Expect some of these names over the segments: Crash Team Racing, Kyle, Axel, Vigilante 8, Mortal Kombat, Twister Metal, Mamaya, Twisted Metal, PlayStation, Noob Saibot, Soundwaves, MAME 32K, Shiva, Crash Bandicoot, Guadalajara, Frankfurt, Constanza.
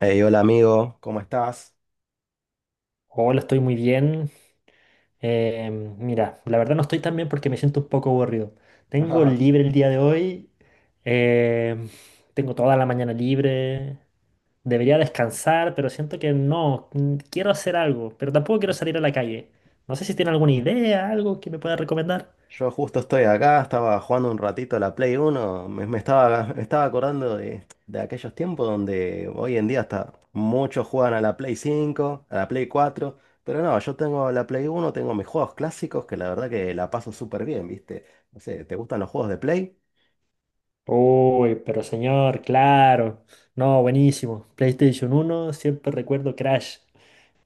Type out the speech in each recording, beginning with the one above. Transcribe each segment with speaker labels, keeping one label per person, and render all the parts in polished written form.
Speaker 1: Hey, hola amigo, ¿cómo estás?
Speaker 2: Hola, estoy muy bien. Eh, Mira, la verdad no estoy tan bien porque me siento un poco aburrido. Tengo
Speaker 1: Ah,
Speaker 2: libre el día de hoy. eh, Tengo toda la mañana libre. Debería descansar, pero siento que no. Quiero hacer algo, pero tampoco quiero salir a la calle. No sé si tiene alguna idea, algo que me pueda recomendar.
Speaker 1: yo justo estoy acá, estaba jugando un ratito a la Play Uno, me estaba acordando de aquellos tiempos donde hoy en día hasta muchos juegan a la Play 5, a la Play 4, pero no, yo tengo la Play Uno, tengo mis juegos clásicos que la verdad que la paso súper bien, ¿viste? No sé, ¿te gustan los juegos de Play?
Speaker 2: Uy, pero señor, claro. No, buenísimo. PlayStation 1, siempre recuerdo Crash.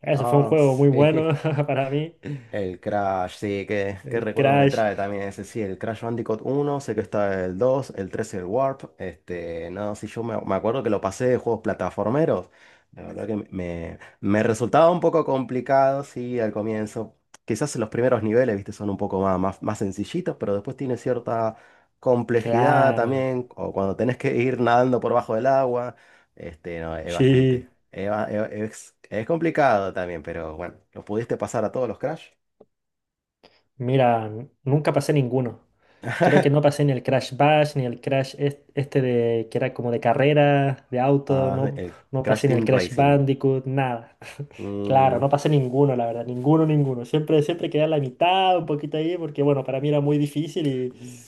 Speaker 2: Ese fue un
Speaker 1: Ah,
Speaker 2: juego muy
Speaker 1: sí.
Speaker 2: bueno para mí.
Speaker 1: El Crash, sí, qué
Speaker 2: El
Speaker 1: recuerdos me
Speaker 2: Crash.
Speaker 1: trae también ese, sí, el Crash Bandicoot uno sé que está el dos, el tres, el Warp. Este, no, sí, yo me acuerdo que lo pasé de juegos plataformeros, la verdad que me resultaba un poco complicado, sí, al comienzo, quizás los primeros niveles, viste, son un poco más sencillitos, pero después tiene cierta complejidad
Speaker 2: Claro.
Speaker 1: también, o cuando tenés que ir nadando por bajo del agua. Este, no, es bastante,
Speaker 2: Sí,
Speaker 1: es complicado también, pero bueno, ¿lo pudiste pasar a todos los Crash?
Speaker 2: mira, nunca pasé ninguno. Creo que no pasé ni el Crash Bash, ni el Crash este de que era como de carrera, de auto,
Speaker 1: Ah,
Speaker 2: no,
Speaker 1: el
Speaker 2: no
Speaker 1: Crash
Speaker 2: pasé ni
Speaker 1: Team
Speaker 2: el Crash
Speaker 1: Racing.
Speaker 2: Bandicoot, nada. Claro,
Speaker 1: Mm,
Speaker 2: no pasé ninguno, la verdad, ninguno, ninguno. Siempre, siempre quedé a la mitad, un poquito ahí, porque bueno, para mí era muy difícil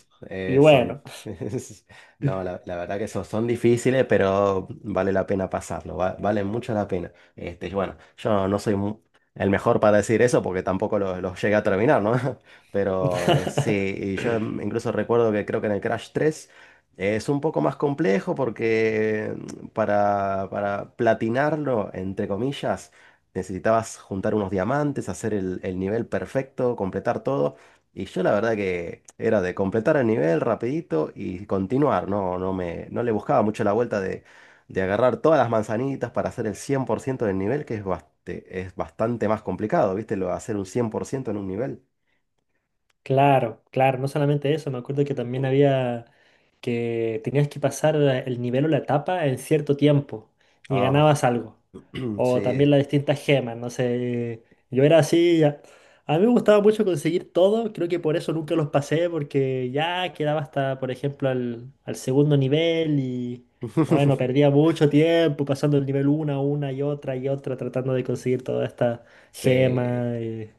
Speaker 2: y
Speaker 1: Son,
Speaker 2: bueno.
Speaker 1: no, la verdad que son, son difíciles, pero vale la pena pasarlo, vale mucho la pena. Este, y bueno, yo no soy el mejor para decir eso porque tampoco los lo llegué a terminar, ¿no? Pero sí, y yo, incluso recuerdo que creo que en el Crash 3 es un poco más complejo porque, para platinarlo, entre comillas, necesitabas juntar unos diamantes, hacer el nivel perfecto, completar todo. Y yo la verdad que era de completar el nivel rapidito y continuar, no le buscaba mucho la vuelta de agarrar todas las manzanitas para hacer el 100% del nivel, que es, es bastante más complicado, ¿viste? Lo de hacer un cien por ciento en un nivel.
Speaker 2: Claro, claro, no solamente eso, me acuerdo que también había... que tenías que pasar el nivel o la etapa en cierto tiempo y ganabas
Speaker 1: Ah,
Speaker 2: algo. O también
Speaker 1: sí.
Speaker 2: las distintas gemas, no sé. Yo era así, a mí me gustaba mucho conseguir todo, creo que por eso nunca los pasé, porque ya quedaba hasta, por ejemplo, al segundo nivel y bueno, perdía mucho tiempo pasando el nivel una y otra, tratando de conseguir toda esta gema.
Speaker 1: Sí.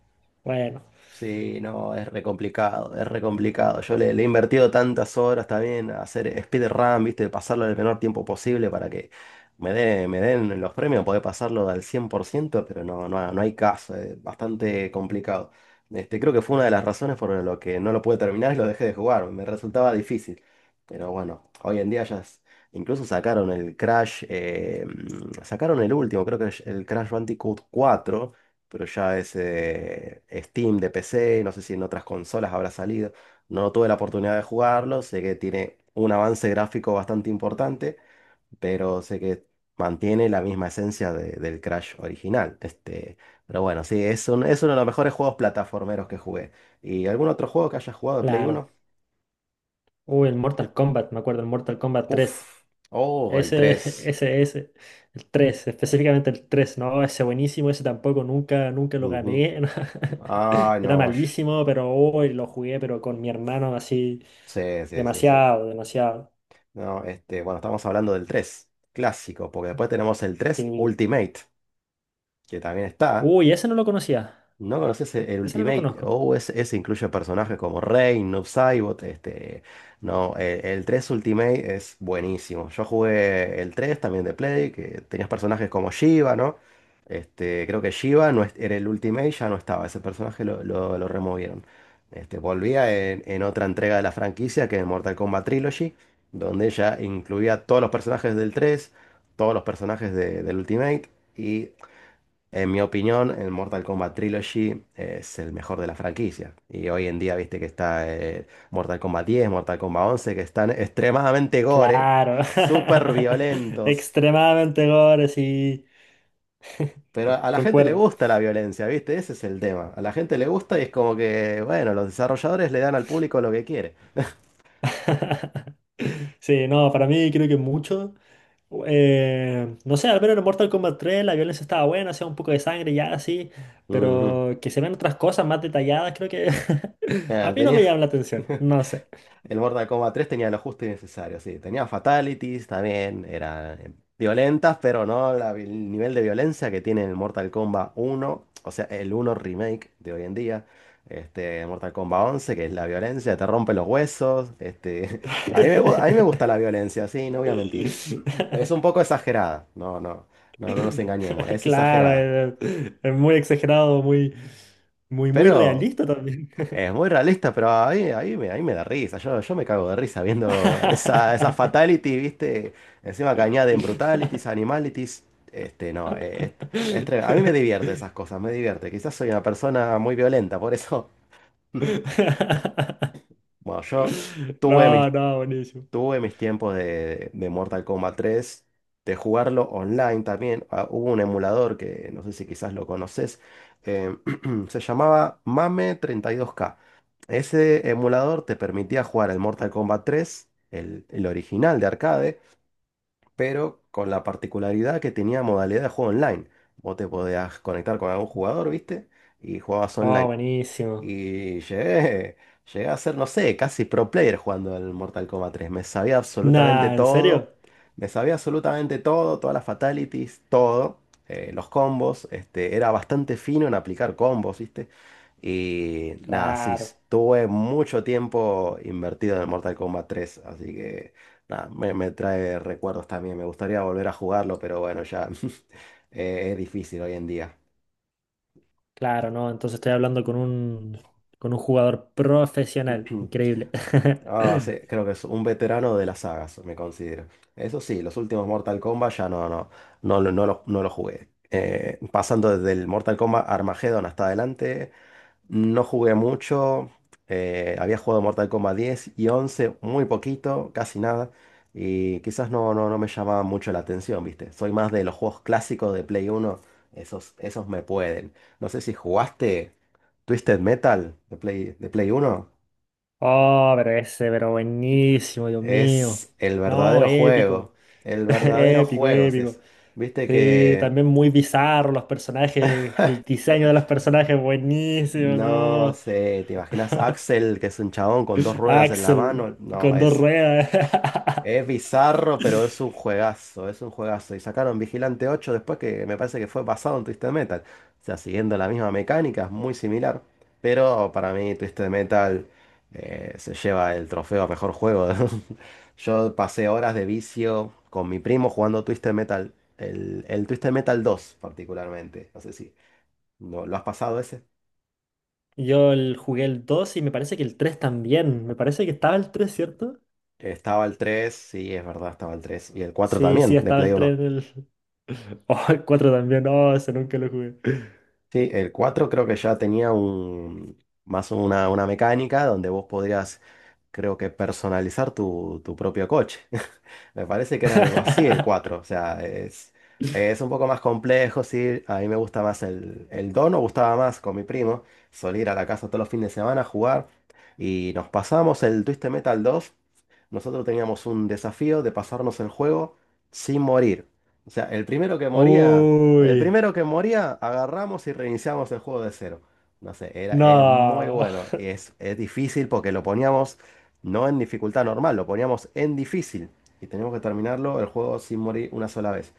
Speaker 2: Bueno,
Speaker 1: Sí, no, es re complicado, es re complicado. Yo le he invertido tantas horas también a hacer speedrun, viste, pasarlo en el menor tiempo posible para que me den los premios, poder pasarlo al 100%, pero no hay caso, es bastante complicado. Este, creo que fue una de las razones por lo que no lo pude terminar y lo dejé de jugar, me resultaba difícil. Pero bueno, hoy en día incluso sacaron el Crash. Sacaron el último, creo que es el Crash Bandicoot cuatro, pero ya es, Steam de PC, no sé si en otras consolas habrá salido. No tuve la oportunidad de jugarlo, sé que tiene un avance gráfico bastante importante, pero sé que mantiene la misma esencia del Crash original. Este, pero bueno, sí, es es uno de los mejores juegos plataformeros que jugué. ¿Y algún otro juego que haya jugado de Play
Speaker 2: claro.
Speaker 1: Uno?
Speaker 2: Uy, el Mortal Kombat, me acuerdo, el Mortal Kombat
Speaker 1: Uf,
Speaker 2: tres
Speaker 1: oh, el
Speaker 2: Ese,
Speaker 1: tres.
Speaker 2: Ese, el 3 no, ese buenísimo, ese tampoco, nunca, nunca lo
Speaker 1: Ujú.
Speaker 2: gané.
Speaker 1: Ay,
Speaker 2: Era
Speaker 1: no.
Speaker 2: malísimo, pero hoy lo jugué, pero con mi hermano así,
Speaker 1: Sí, sí, sí, sí.
Speaker 2: demasiado, demasiado.
Speaker 1: No, este, bueno, estamos hablando del 3 clásico, porque después tenemos el 3
Speaker 2: Y-
Speaker 1: Ultimate, que también está.
Speaker 2: Uy, ese no lo conocía,
Speaker 1: ¿No conoces el
Speaker 2: ese no lo
Speaker 1: Ultimate?
Speaker 2: conozco.
Speaker 1: O ese incluye personajes como Rey, Noob Saibot, este... No, 3 Ultimate es buenísimo. Yo jugué el 3 también de Play, que tenías personajes como Shiva, ¿no? Este, creo que Shiva no es- era el Ultimate, ya no estaba. Ese personaje lo removieron. Este, volvía en otra entrega de la franquicia, que es Mortal Kombat Trilogy, donde ya incluía todos los personajes del 3, todos los personajes del Ultimate. Y en mi opinión, el Mortal Kombat Trilogy, es el mejor de la franquicia. Y hoy en día, viste que está, Mortal Kombat 10, Mortal Kombat 11, que están extremadamente gore,
Speaker 2: Claro,
Speaker 1: súper violentos.
Speaker 2: extremadamente gore, sí,
Speaker 1: Pero a la gente le
Speaker 2: concuerdo.
Speaker 1: gusta la violencia, viste, ese es el tema. A la gente le gusta y es como que, bueno, los desarrolladores le dan al público lo que quiere.
Speaker 2: Sí, no, para mí creo que mucho. No sé, al menos en Mortal Kombat 3 la violencia estaba buena, hacía un poco de sangre ya así,
Speaker 1: Ujú.
Speaker 2: pero que se vean otras cosas más detalladas, creo que a
Speaker 1: Ah,
Speaker 2: mí no
Speaker 1: tenía.
Speaker 2: me llama la atención, no sé.
Speaker 1: El Mortal Kombat 3 tenía lo justo y necesario, sí. Tenía fatalities también, eran violentas, pero no el nivel de violencia que tiene el Mortal Kombat 1, o sea, el 1 remake de hoy en día. Este, Mortal Kombat 11, que es la violencia, te rompe los huesos. Este, a mí a mí me gusta la violencia, sí, no voy a mentir. Es un poco exagerada, no nos engañemos, es
Speaker 2: Claro,
Speaker 1: exagerada.
Speaker 2: es muy exagerado, muy, muy, muy
Speaker 1: Pero
Speaker 2: realista también.
Speaker 1: es muy realista, pero ahí me da risa. Yo me cago de risa viendo esa, esa fatality, ¿viste? Encima que añaden brutalities, animalities. Este, no, es a mí me divierte esas cosas, me divierte. Quizás soy una persona muy violenta, por eso. Bueno, yo tuve mis
Speaker 2: No, no, buenísimo.
Speaker 1: tuve mis tiempos de Mortal Kombat tres, de jugarlo online también. Ah, hubo un emulador que no sé si quizás lo conoces, eh, se llamaba MAME 32K. Ese emulador te permitía jugar el Mortal Kombat tres, el original de arcade, pero con la particularidad que tenía modalidad de juego online. Vos te podías conectar con algún jugador, ¿viste? Y jugabas
Speaker 2: Oh,
Speaker 1: online.
Speaker 2: buenísimo.
Speaker 1: Y llegué a ser, no sé, casi pro player jugando el Mortal Kombat tres. Me sabía absolutamente
Speaker 2: Nah, ¿en
Speaker 1: todo.
Speaker 2: serio?
Speaker 1: Me sabía absolutamente todo, todas las fatalities, todo. Los combos. Este, era bastante fino en aplicar combos, ¿viste? Y nada, sí,
Speaker 2: Claro,
Speaker 1: tuve mucho tiempo invertido en el Mortal Kombat tres. Así que nada, me trae recuerdos también. Me gustaría volver a jugarlo, pero bueno, ya es difícil hoy en día.
Speaker 2: claro, no. Entonces estoy hablando con un jugador profesional. Increíble.
Speaker 1: Ah, sí, creo que es un veterano de las sagas, me considero. Eso sí, los últimos Mortal Kombat ya no lo jugué. Pasando desde el Mortal Kombat Armageddon hasta adelante, no jugué mucho. Había jugado Mortal Kombat 10 y 11, muy poquito, casi nada. Y quizás no me llamaba mucho la atención, ¿viste? Soy más de los juegos clásicos de Play 1, esos, esos me pueden. No sé si jugaste Twisted Metal de Play 1.
Speaker 2: Oh, pero ese, pero buenísimo, Dios mío.
Speaker 1: Es el
Speaker 2: No,
Speaker 1: verdadero
Speaker 2: épico.
Speaker 1: juego. El verdadero
Speaker 2: Épico,
Speaker 1: juego es
Speaker 2: épico.
Speaker 1: eso. Viste
Speaker 2: Sí,
Speaker 1: que,
Speaker 2: también muy bizarro los personajes, el diseño de los personajes, buenísimo,
Speaker 1: no
Speaker 2: ¿no?
Speaker 1: sé, ¿te imaginas a Axel, que es un chabón con dos ruedas en la
Speaker 2: Axel,
Speaker 1: mano? No,
Speaker 2: con dos
Speaker 1: es.
Speaker 2: ruedas.
Speaker 1: Es bizarro, pero es un juegazo, es un juegazo. Y sacaron Vigilante 8 después que me parece que fue basado en Twisted Metal. O sea, siguiendo la misma mecánica, es muy similar. Pero para mí Twisted Metal, se lleva el trofeo a mejor juego. Yo pasé horas de vicio con mi primo jugando Twisted Metal. El Twisted Metal 2 particularmente. No sé si lo has pasado ese.
Speaker 2: Yo jugué el 2 y me parece que el tres también. Me parece que estaba el tres, ¿cierto?
Speaker 1: Estaba el 3, sí, es verdad, estaba el 3. Y el 4
Speaker 2: Sí, sí,
Speaker 1: también, de
Speaker 2: estaba
Speaker 1: Play
Speaker 2: el
Speaker 1: 1.
Speaker 2: 3 en el... Oh, el 4 también. No, ese nunca lo jugué.
Speaker 1: Sí, el 4 creo que ya tenía un, más una mecánica donde vos podrías, creo que, personalizar tu, tu propio coche. Me parece que era algo así el cuatro. O sea, es un poco más complejo, sí. A mí me gusta más el dos, nos gustaba más con mi primo. Solía ir a la casa todos los fines de semana a jugar. Y nos pasamos el Twisted Metal dos. Nosotros teníamos un desafío de pasarnos el juego sin morir. O sea, el
Speaker 2: Uy,
Speaker 1: primero que moría, agarramos y reiniciamos el juego de cero. No sé, es muy
Speaker 2: no.
Speaker 1: bueno y es difícil porque lo poníamos no en dificultad normal, lo poníamos en difícil. Y teníamos que terminarlo el juego sin morir una sola vez.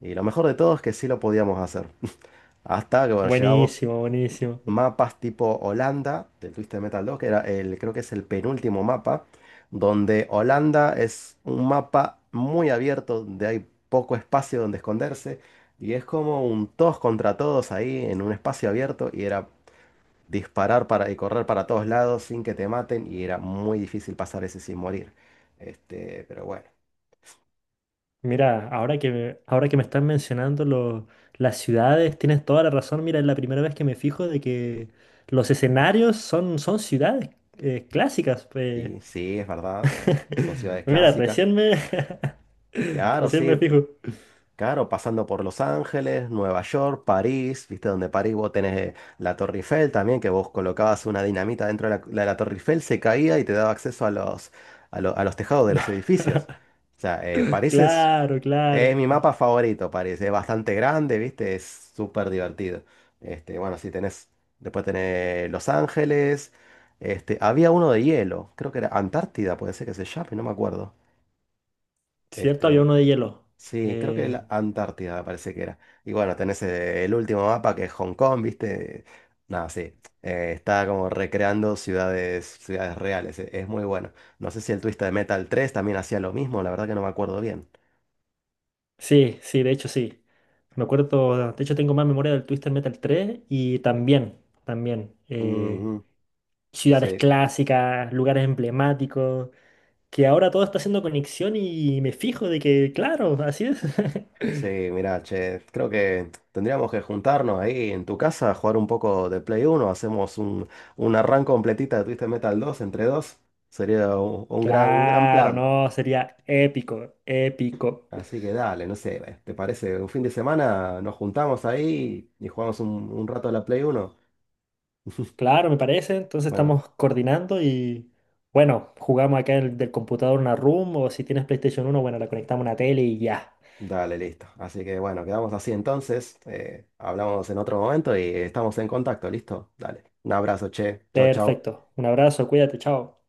Speaker 1: Y lo mejor de todo es que sí lo podíamos hacer. Hasta que, bueno, llegamos
Speaker 2: Buenísimo, buenísimo.
Speaker 1: mapas tipo Holanda del Twisted Metal 2, que era el, creo que es el penúltimo mapa, donde Holanda es un mapa muy abierto, donde hay poco espacio donde esconderse. Y es como un todos contra todos ahí en un espacio abierto. Y era disparar para, y correr para todos lados sin que te maten y era muy difícil pasar ese sin morir. Este, pero bueno,
Speaker 2: Mira, ahora que me están mencionando las ciudades, tienes toda la razón. Mira, es la primera vez que me fijo de que los escenarios son, son ciudades clásicas.
Speaker 1: y sí, es verdad, son ciudades
Speaker 2: Mira,
Speaker 1: clásicas.
Speaker 2: recién me,
Speaker 1: Claro,
Speaker 2: recién me
Speaker 1: sí,
Speaker 2: fijo.
Speaker 1: claro, pasando por Los Ángeles, Nueva York, París, viste donde París vos tenés, la Torre Eiffel también, que vos colocabas una dinamita dentro de la, la Torre Eiffel, se caía y te daba acceso a los, a los tejados de los edificios. O sea, París es.
Speaker 2: Claro, claro.
Speaker 1: Es mi mapa favorito, parece. Es bastante grande, ¿viste? Es súper divertido. Este, bueno, si tenés. Después tenés Los Ángeles. Este, había uno de hielo. Creo que era Antártida, puede ser que se llame, no me acuerdo.
Speaker 2: Cierto, había
Speaker 1: Este,
Speaker 2: uno de hielo.
Speaker 1: sí, creo que
Speaker 2: Eh,
Speaker 1: la Antártida me parece que era. Y bueno, tenés, el último mapa que es Hong Kong, ¿viste? Nada, sí. Está como recreando ciudades, ciudades reales. Es muy bueno. No sé si el Twisted Metal tres también hacía lo mismo, la verdad que no me acuerdo bien.
Speaker 2: sí, sí, de hecho sí. Me acuerdo, de hecho tengo más memoria del Twister Metal 3 y también, también.
Speaker 1: Ujú,
Speaker 2: Ciudades
Speaker 1: sí.
Speaker 2: clásicas, lugares emblemáticos, que ahora todo está haciendo conexión y me fijo de que, claro, así es.
Speaker 1: Sí, mira, che, creo que tendríamos que juntarnos ahí en tu casa, jugar un poco de Play Uno. Hacemos un, una run completita de Twisted Metal 2 entre dos. Sería un gran
Speaker 2: Claro,
Speaker 1: plan.
Speaker 2: no, sería épico, épico.
Speaker 1: Así que dale, no sé, ¿te parece? Un fin de semana nos juntamos ahí y jugamos un rato a la Play Uno.
Speaker 2: Claro, me parece. Entonces
Speaker 1: Bueno,
Speaker 2: estamos coordinando y bueno, jugamos acá el, del computador una room o si tienes PlayStation 1, bueno, la conectamos a una tele y ya.
Speaker 1: dale, listo. Así que bueno, quedamos así entonces. Hablamos en otro momento y estamos en contacto, ¿listo? Dale. Un abrazo, che. Chau, chau.
Speaker 2: Perfecto. Un abrazo, cuídate, chao.